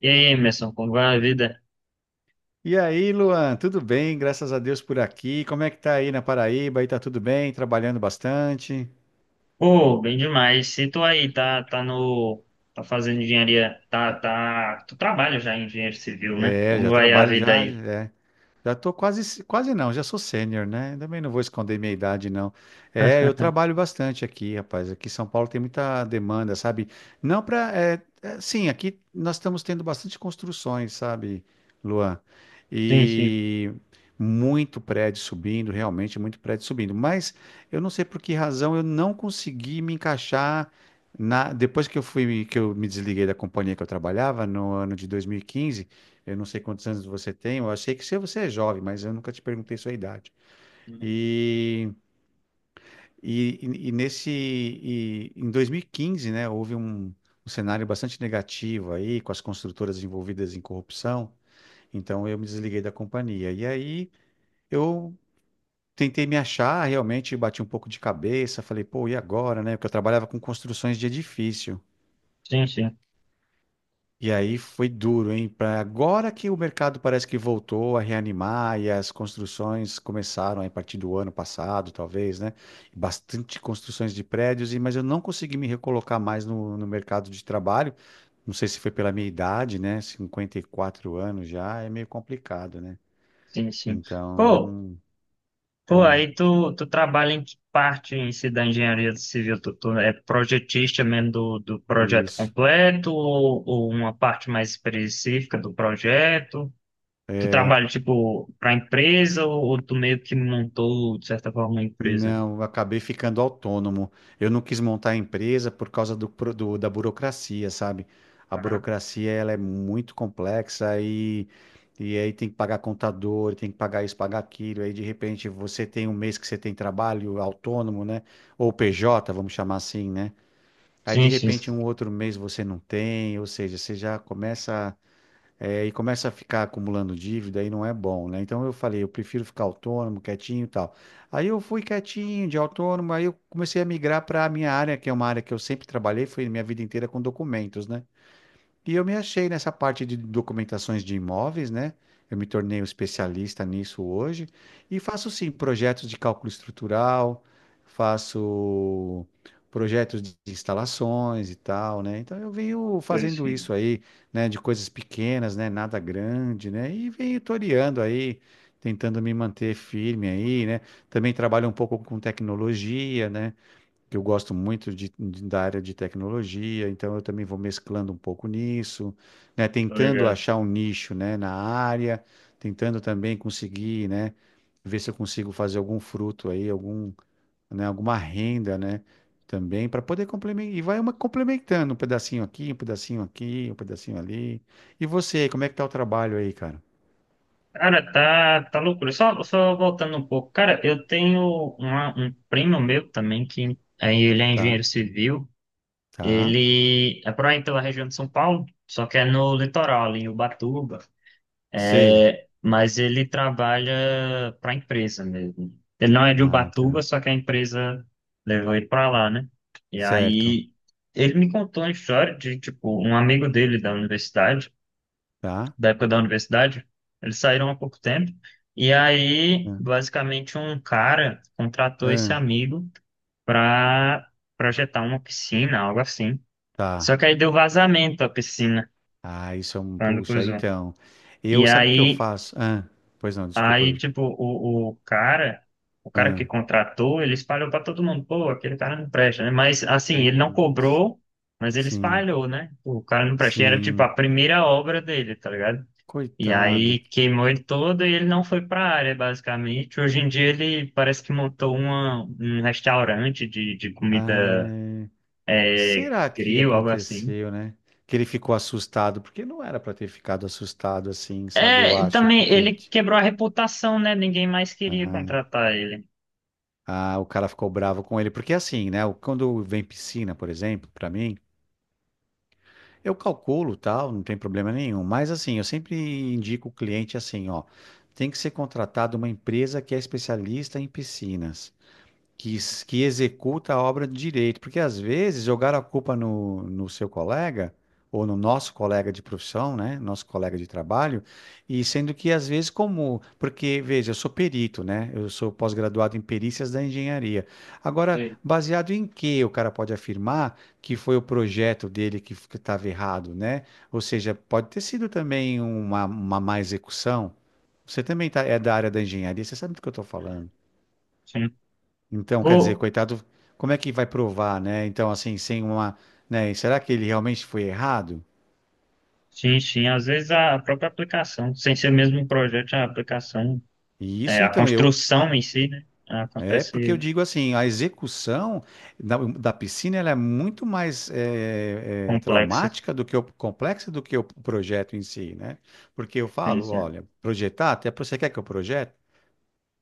E aí, Emerson, como vai a vida? E aí, Luan, tudo bem? Graças a Deus por aqui. Como é que tá aí na Paraíba? Aí tá tudo bem? Trabalhando bastante? Pô, bem demais. Se tu aí tá, tá no, tá fazendo engenharia, tu trabalha já em engenharia civil, né? É, Como já vai a trabalho vida já, aí? é. Já tô quase, quase não, já sou sênior, né? Também não vou esconder minha idade, não. É, eu trabalho bastante aqui, rapaz. Aqui em São Paulo tem muita demanda, sabe? Não para, sim, aqui nós estamos tendo bastante construções, sabe, Luan? Sim, sim. E muito prédio subindo, realmente muito prédio subindo. Mas eu não sei por que razão eu não consegui me encaixar depois que eu fui, que eu me desliguei da companhia que eu trabalhava no ano de 2015. Eu não sei quantos anos você tem, eu achei que se você é jovem, mas eu nunca te perguntei sua idade. E, e em 2015, né, houve um cenário bastante negativo aí, com as construtoras envolvidas em corrupção, então eu me desliguei da companhia. E aí eu tentei me achar, realmente bati um pouco de cabeça, falei, pô, e agora, né? Porque eu trabalhava com construções de edifício. Sim, sim, E aí foi duro, hein? Pra agora que o mercado parece que voltou a reanimar e as construções começaram aí a partir do ano passado, talvez, né? Bastante construções de prédios, mas eu não consegui me recolocar mais no mercado de trabalho. Não sei se foi pela minha idade, né? 54 anos já é meio complicado, né? sim, sim. Pô, Então, pô, ah, aí tu trabalha em que parte em si da engenharia civil? Tu é projetista mesmo do projeto isso. completo ou uma parte mais específica do projeto? Tu É, trabalha, tipo, pra empresa ou tu meio que montou, de certa forma, uma empresa? não, eu acabei ficando autônomo. Eu não quis montar a empresa por causa da burocracia, sabe? A Aham. burocracia ela é muito complexa e aí tem que pagar contador, tem que pagar isso, pagar aquilo. Aí de repente você tem um mês que você tem trabalho autônomo, né? Ou PJ, vamos chamar assim, né? Aí de Sim, sim. repente um outro mês você não tem, ou seja, você já começa. É, e começa a ficar acumulando dívida aí não é bom, né? Então eu falei, eu prefiro ficar autônomo, quietinho e tal. Aí eu fui quietinho, de autônomo, aí eu comecei a migrar para a minha área, que é uma área que eu sempre trabalhei, foi minha vida inteira com documentos, né? E eu me achei nessa parte de documentações de imóveis, né? Eu me tornei um especialista nisso hoje e faço sim projetos de cálculo estrutural, faço projetos de instalações e tal, né? Então eu venho Eu fazendo sim. isso aí, né, de coisas pequenas, né, nada grande, né? E venho toreando aí, tentando me manter firme aí, né? Também trabalho um pouco com tecnologia, né? Que eu gosto muito da área de tecnologia, então eu também vou mesclando um pouco nisso, né? Tô Tentando ligado. achar um nicho, né, na área, tentando também conseguir, né, ver se eu consigo fazer algum fruto aí, algum, né, alguma renda, né, também para poder complementar. E vai uma complementando um pedacinho aqui, um pedacinho aqui, um pedacinho ali. E você, como é que tá o trabalho aí, cara? Cara, tá loucura. Só voltando um pouco. Cara, eu tenho um primo meu também, que aí ele é Tá? engenheiro civil. Tá? Ele é por aí pela região de São Paulo, só que é no litoral, ali em Ubatuba. Sei. É, mas ele trabalha para a empresa mesmo. Ele não é de Ah, Ubatuba, tá. só que a empresa levou ele para lá, né? E Certo. aí ele me contou uma história de, tipo, um amigo dele da universidade, Tá? da época da universidade, eles saíram há pouco tempo. E aí, Ah, basicamente, um cara contratou esse ah, amigo para projetar uma piscina, algo assim. tá. Só que aí deu vazamento à piscina Ah, isso é um. quando Puxa, cruzou. então. E Eu, sabe o que eu aí faço? Ah, pois não, desculpa. Aí, Eu, tipo, o cara que ah, contratou, ele espalhou para todo mundo, pô, aquele cara não presta, né? Mas, assim, ele não putz, cobrou, mas ele sim, espalhou, né? O cara não presta. E era, tipo, a sim. primeira obra dele, tá ligado? E Coitado. aí queimou ele todo e ele não foi para a área, basicamente. Hoje em dia ele parece que montou um restaurante de comida Ai, será que grill, algo assim. aconteceu, né? Que ele ficou assustado, porque não era pra ter ficado assustado assim, sabe? Eu É, e acho, também porque. ele quebrou a reputação, né? Ninguém mais queria Ah, contratar ele. ah, o cara ficou bravo com ele. Porque assim, né? Quando vem piscina, por exemplo, pra mim. Eu calculo, tal, não tem problema nenhum, mas assim, eu sempre indico o cliente assim, ó, tem que ser contratado uma empresa que é especialista em piscinas que, que executa a obra de direito, porque às vezes jogar a culpa no seu colega ou no nosso colega de profissão, né, nosso colega de trabalho, e sendo que às vezes como, porque veja, eu sou perito, né, eu sou pós-graduado em perícias da engenharia. Agora, Sei. baseado em que o cara pode afirmar que foi o projeto dele que estava errado, né? Ou seja, pode ter sido também uma má execução. Você também tá, é da área da engenharia, você sabe do que eu estou falando. Sim. Então, quer dizer, Ô, coitado, como é que vai provar, né? Então, assim, sem uma, né? E será que ele realmente foi errado? Sim, sim. Às vezes a própria aplicação, sem ser mesmo um projeto, a aplicação, E é, isso, a então, eu, construção em si, né? é porque eu Acontece digo assim, a execução da piscina, ela é muito mais complexa. traumática do que o complexa do que o projeto em si, né? Porque eu Sim, falo, sim. olha, projetar, até você quer que eu projete?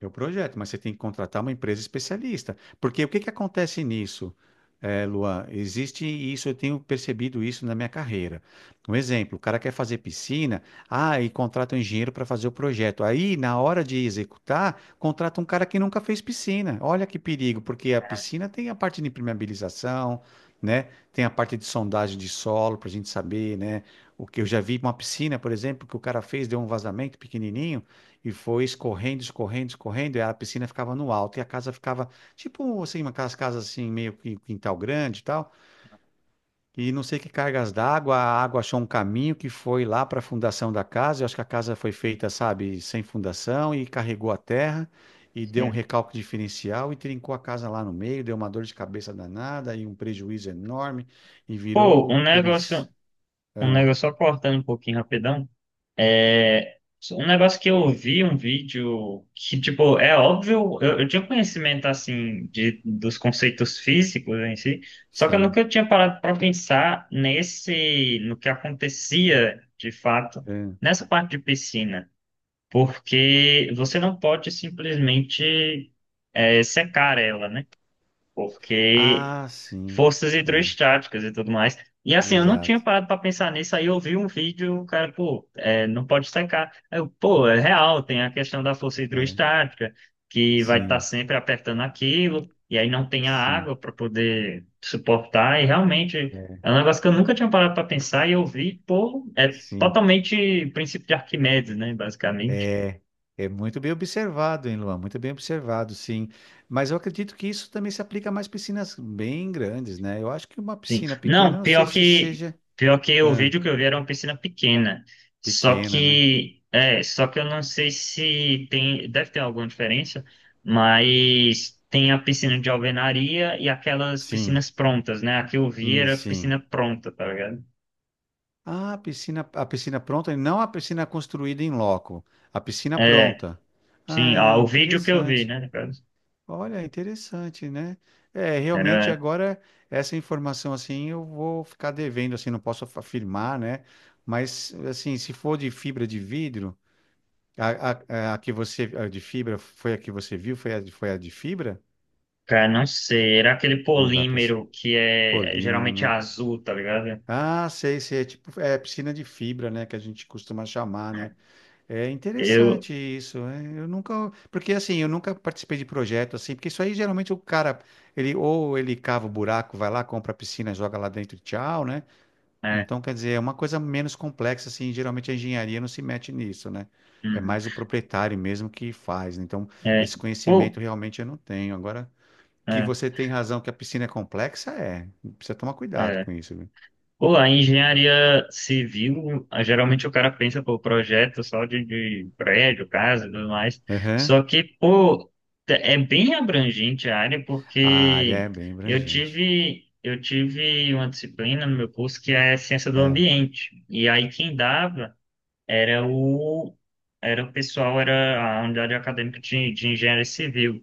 É o projeto, mas você tem que contratar uma empresa especialista. Porque o que que acontece nisso, Luan? Existe isso, eu tenho percebido isso na minha carreira. Um exemplo, o cara quer fazer piscina, ah, e contrata um engenheiro para fazer o projeto. Aí, na hora de executar, contrata um cara que nunca fez piscina. Olha que perigo, porque a Ah, piscina tem a parte de impermeabilização, né? Tem a parte de sondagem de solo para a gente saber, né? O que eu já vi uma piscina, por exemplo, que o cara fez, deu um vazamento pequenininho. E foi escorrendo, escorrendo, escorrendo, e a piscina ficava no alto, e a casa ficava, tipo assim, uma aquelas casas assim, meio que quintal grande e tal, e não sei que cargas d'água, a água achou um caminho que foi lá para a fundação da casa, eu acho que a casa foi feita, sabe, sem fundação, e carregou a terra, e deu um sim. recalque diferencial, e trincou a casa lá no meio, deu uma dor de cabeça danada, e um prejuízo enorme, e Pô, um virou negócio, aqueles... Ah, só cortando um pouquinho rapidão. é, Um negócio que eu vi um vídeo que, tipo, é óbvio, eu tinha conhecimento, assim, de, dos conceitos físicos em si, só que eu sim. nunca tinha parado para pensar no que acontecia, de fato, nessa parte de piscina. Porque você não pode simplesmente secar ela, né? Porque Ah, ah, sim. forças É, hidrostáticas e tudo mais. E assim, eu não tinha exato. parado para pensar nisso, aí eu vi um vídeo, o cara, pô, não pode secar. Aí eu, pô, é real, tem a questão da força É, hidrostática, que vai estar sim. sempre apertando aquilo, e aí não tem a Sim, água para poder suportar, e realmente. é, É um negócio que eu nunca tinha parado para pensar e eu vi, pô, é sim, totalmente princípio de Arquimedes, né, basicamente. é, é muito bem observado, hein, Luan? Muito bem observado, sim. Mas eu acredito que isso também se aplica a mais piscinas bem grandes, né? Eu acho que uma Sim. piscina pequena, Não, eu não sei se seja pior que o ah, vídeo que eu vi era uma piscina pequena. Pequena, né? Só que eu não sei se tem, deve ter alguma diferença, mas tem a piscina de alvenaria e aquelas Sim, piscinas prontas, né? A que eu vi era sim. piscina pronta, tá ligado? Ah, a piscina pronta, e não a piscina construída em loco, a piscina É, pronta. Ah, sim, ah, é o vídeo que eu vi, interessante. né, no caso, Olha, interessante, né? É, realmente era, agora essa informação assim eu vou ficar devendo, assim, não posso afirmar, né? Mas assim, se for de fibra de vidro, a que você a de fibra foi a que você viu, foi a, foi a de fibra? cara, não sei, era aquele Não dá para ser. polímero que é Polímero, geralmente né? azul, tá ligado? Ah, sei, sei, é tipo, é piscina de fibra, né, que a gente costuma chamar, É, né? É eu, interessante isso. É, eu nunca, porque assim, eu nunca participei de projeto assim, porque isso aí geralmente o cara, ele ou ele cava o buraco, vai lá, compra a piscina, joga lá dentro e tchau, né? é, Então, quer dizer, é uma coisa menos complexa assim, geralmente a engenharia não se mete nisso, né? É uhum, mais o proprietário mesmo que faz. Então, é, esse pô, conhecimento realmente eu não tenho. Agora, que é, você tem razão que a piscina é complexa, é. Precisa tomar cuidado com é. isso, viu? Pô, a engenharia civil, ah, geralmente o cara pensa, pô, projeto só de prédio, casa e tudo mais. Aham. Só que, pô, é bem abrangente a área, A área é porque bem abrangente. Eu tive uma disciplina no meu curso que é ciência do É, ambiente. E aí quem dava era o, era o pessoal, era a unidade acadêmica de engenharia civil.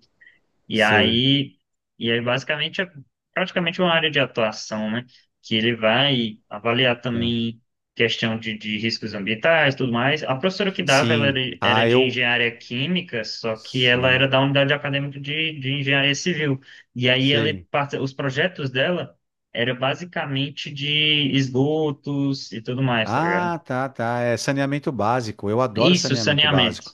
E sei. aí, e aí basicamente é praticamente uma área de atuação, né? Que ele vai avaliar também questão de riscos ambientais, tudo mais. A professora que dava, ela Sim. era Ah, de eu. engenharia química, só que ela era Sim. da unidade acadêmica de engenharia civil. E aí Sei. Os projetos dela eram basicamente de esgotos e tudo mais, tá ligado? Ah, tá, tá. É saneamento básico. Eu adoro Isso, saneamento saneamento, básico.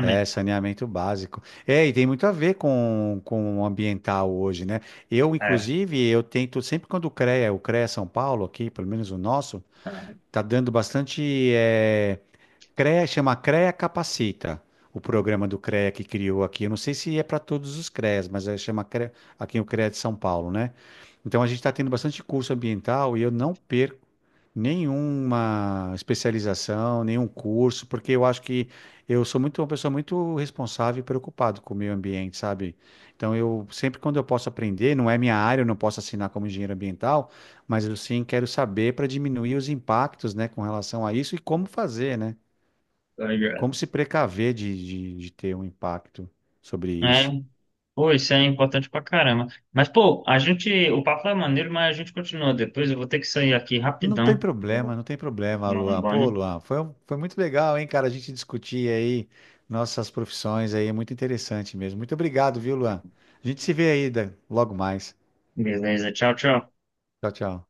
É, saneamento básico. É, e tem muito a ver com o ambiental hoje, né? Eu, É, inclusive, eu tento, sempre quando o CREA São Paulo aqui, pelo menos o nosso, é, tá dando bastante. eh, CREA chama CREA Capacita, o programa do CREA que criou aqui. Eu não sei se é para todos os CREAs, mas é, chama CREA, aqui o CREA de São Paulo, né? Então a gente está tendo bastante curso ambiental e eu não perco nenhuma especialização, nenhum curso, porque eu acho que eu sou muito uma pessoa muito responsável e preocupado com o meio ambiente, sabe? Então eu sempre quando eu posso aprender, não é minha área, eu não posso assinar como engenheiro ambiental, mas eu sim quero saber para diminuir os impactos, né, com relação a isso e como fazer, né? tá ligado? Como se precaver de ter um impacto sobre É. isso? Pô, isso é importante pra caramba. Mas, pô, a gente. O papo é maneiro, mas a gente continua depois. Eu vou ter que sair aqui Não tem rapidão. problema, Vou não tem problema, tomar um Luan. Pô, banho. Luan, foi, foi muito legal, hein, cara, a gente discutir aí nossas profissões aí, é muito interessante mesmo. Muito obrigado, viu, Luan? A gente se vê aí logo mais. Beleza, tchau, tchau. Tchau, tchau.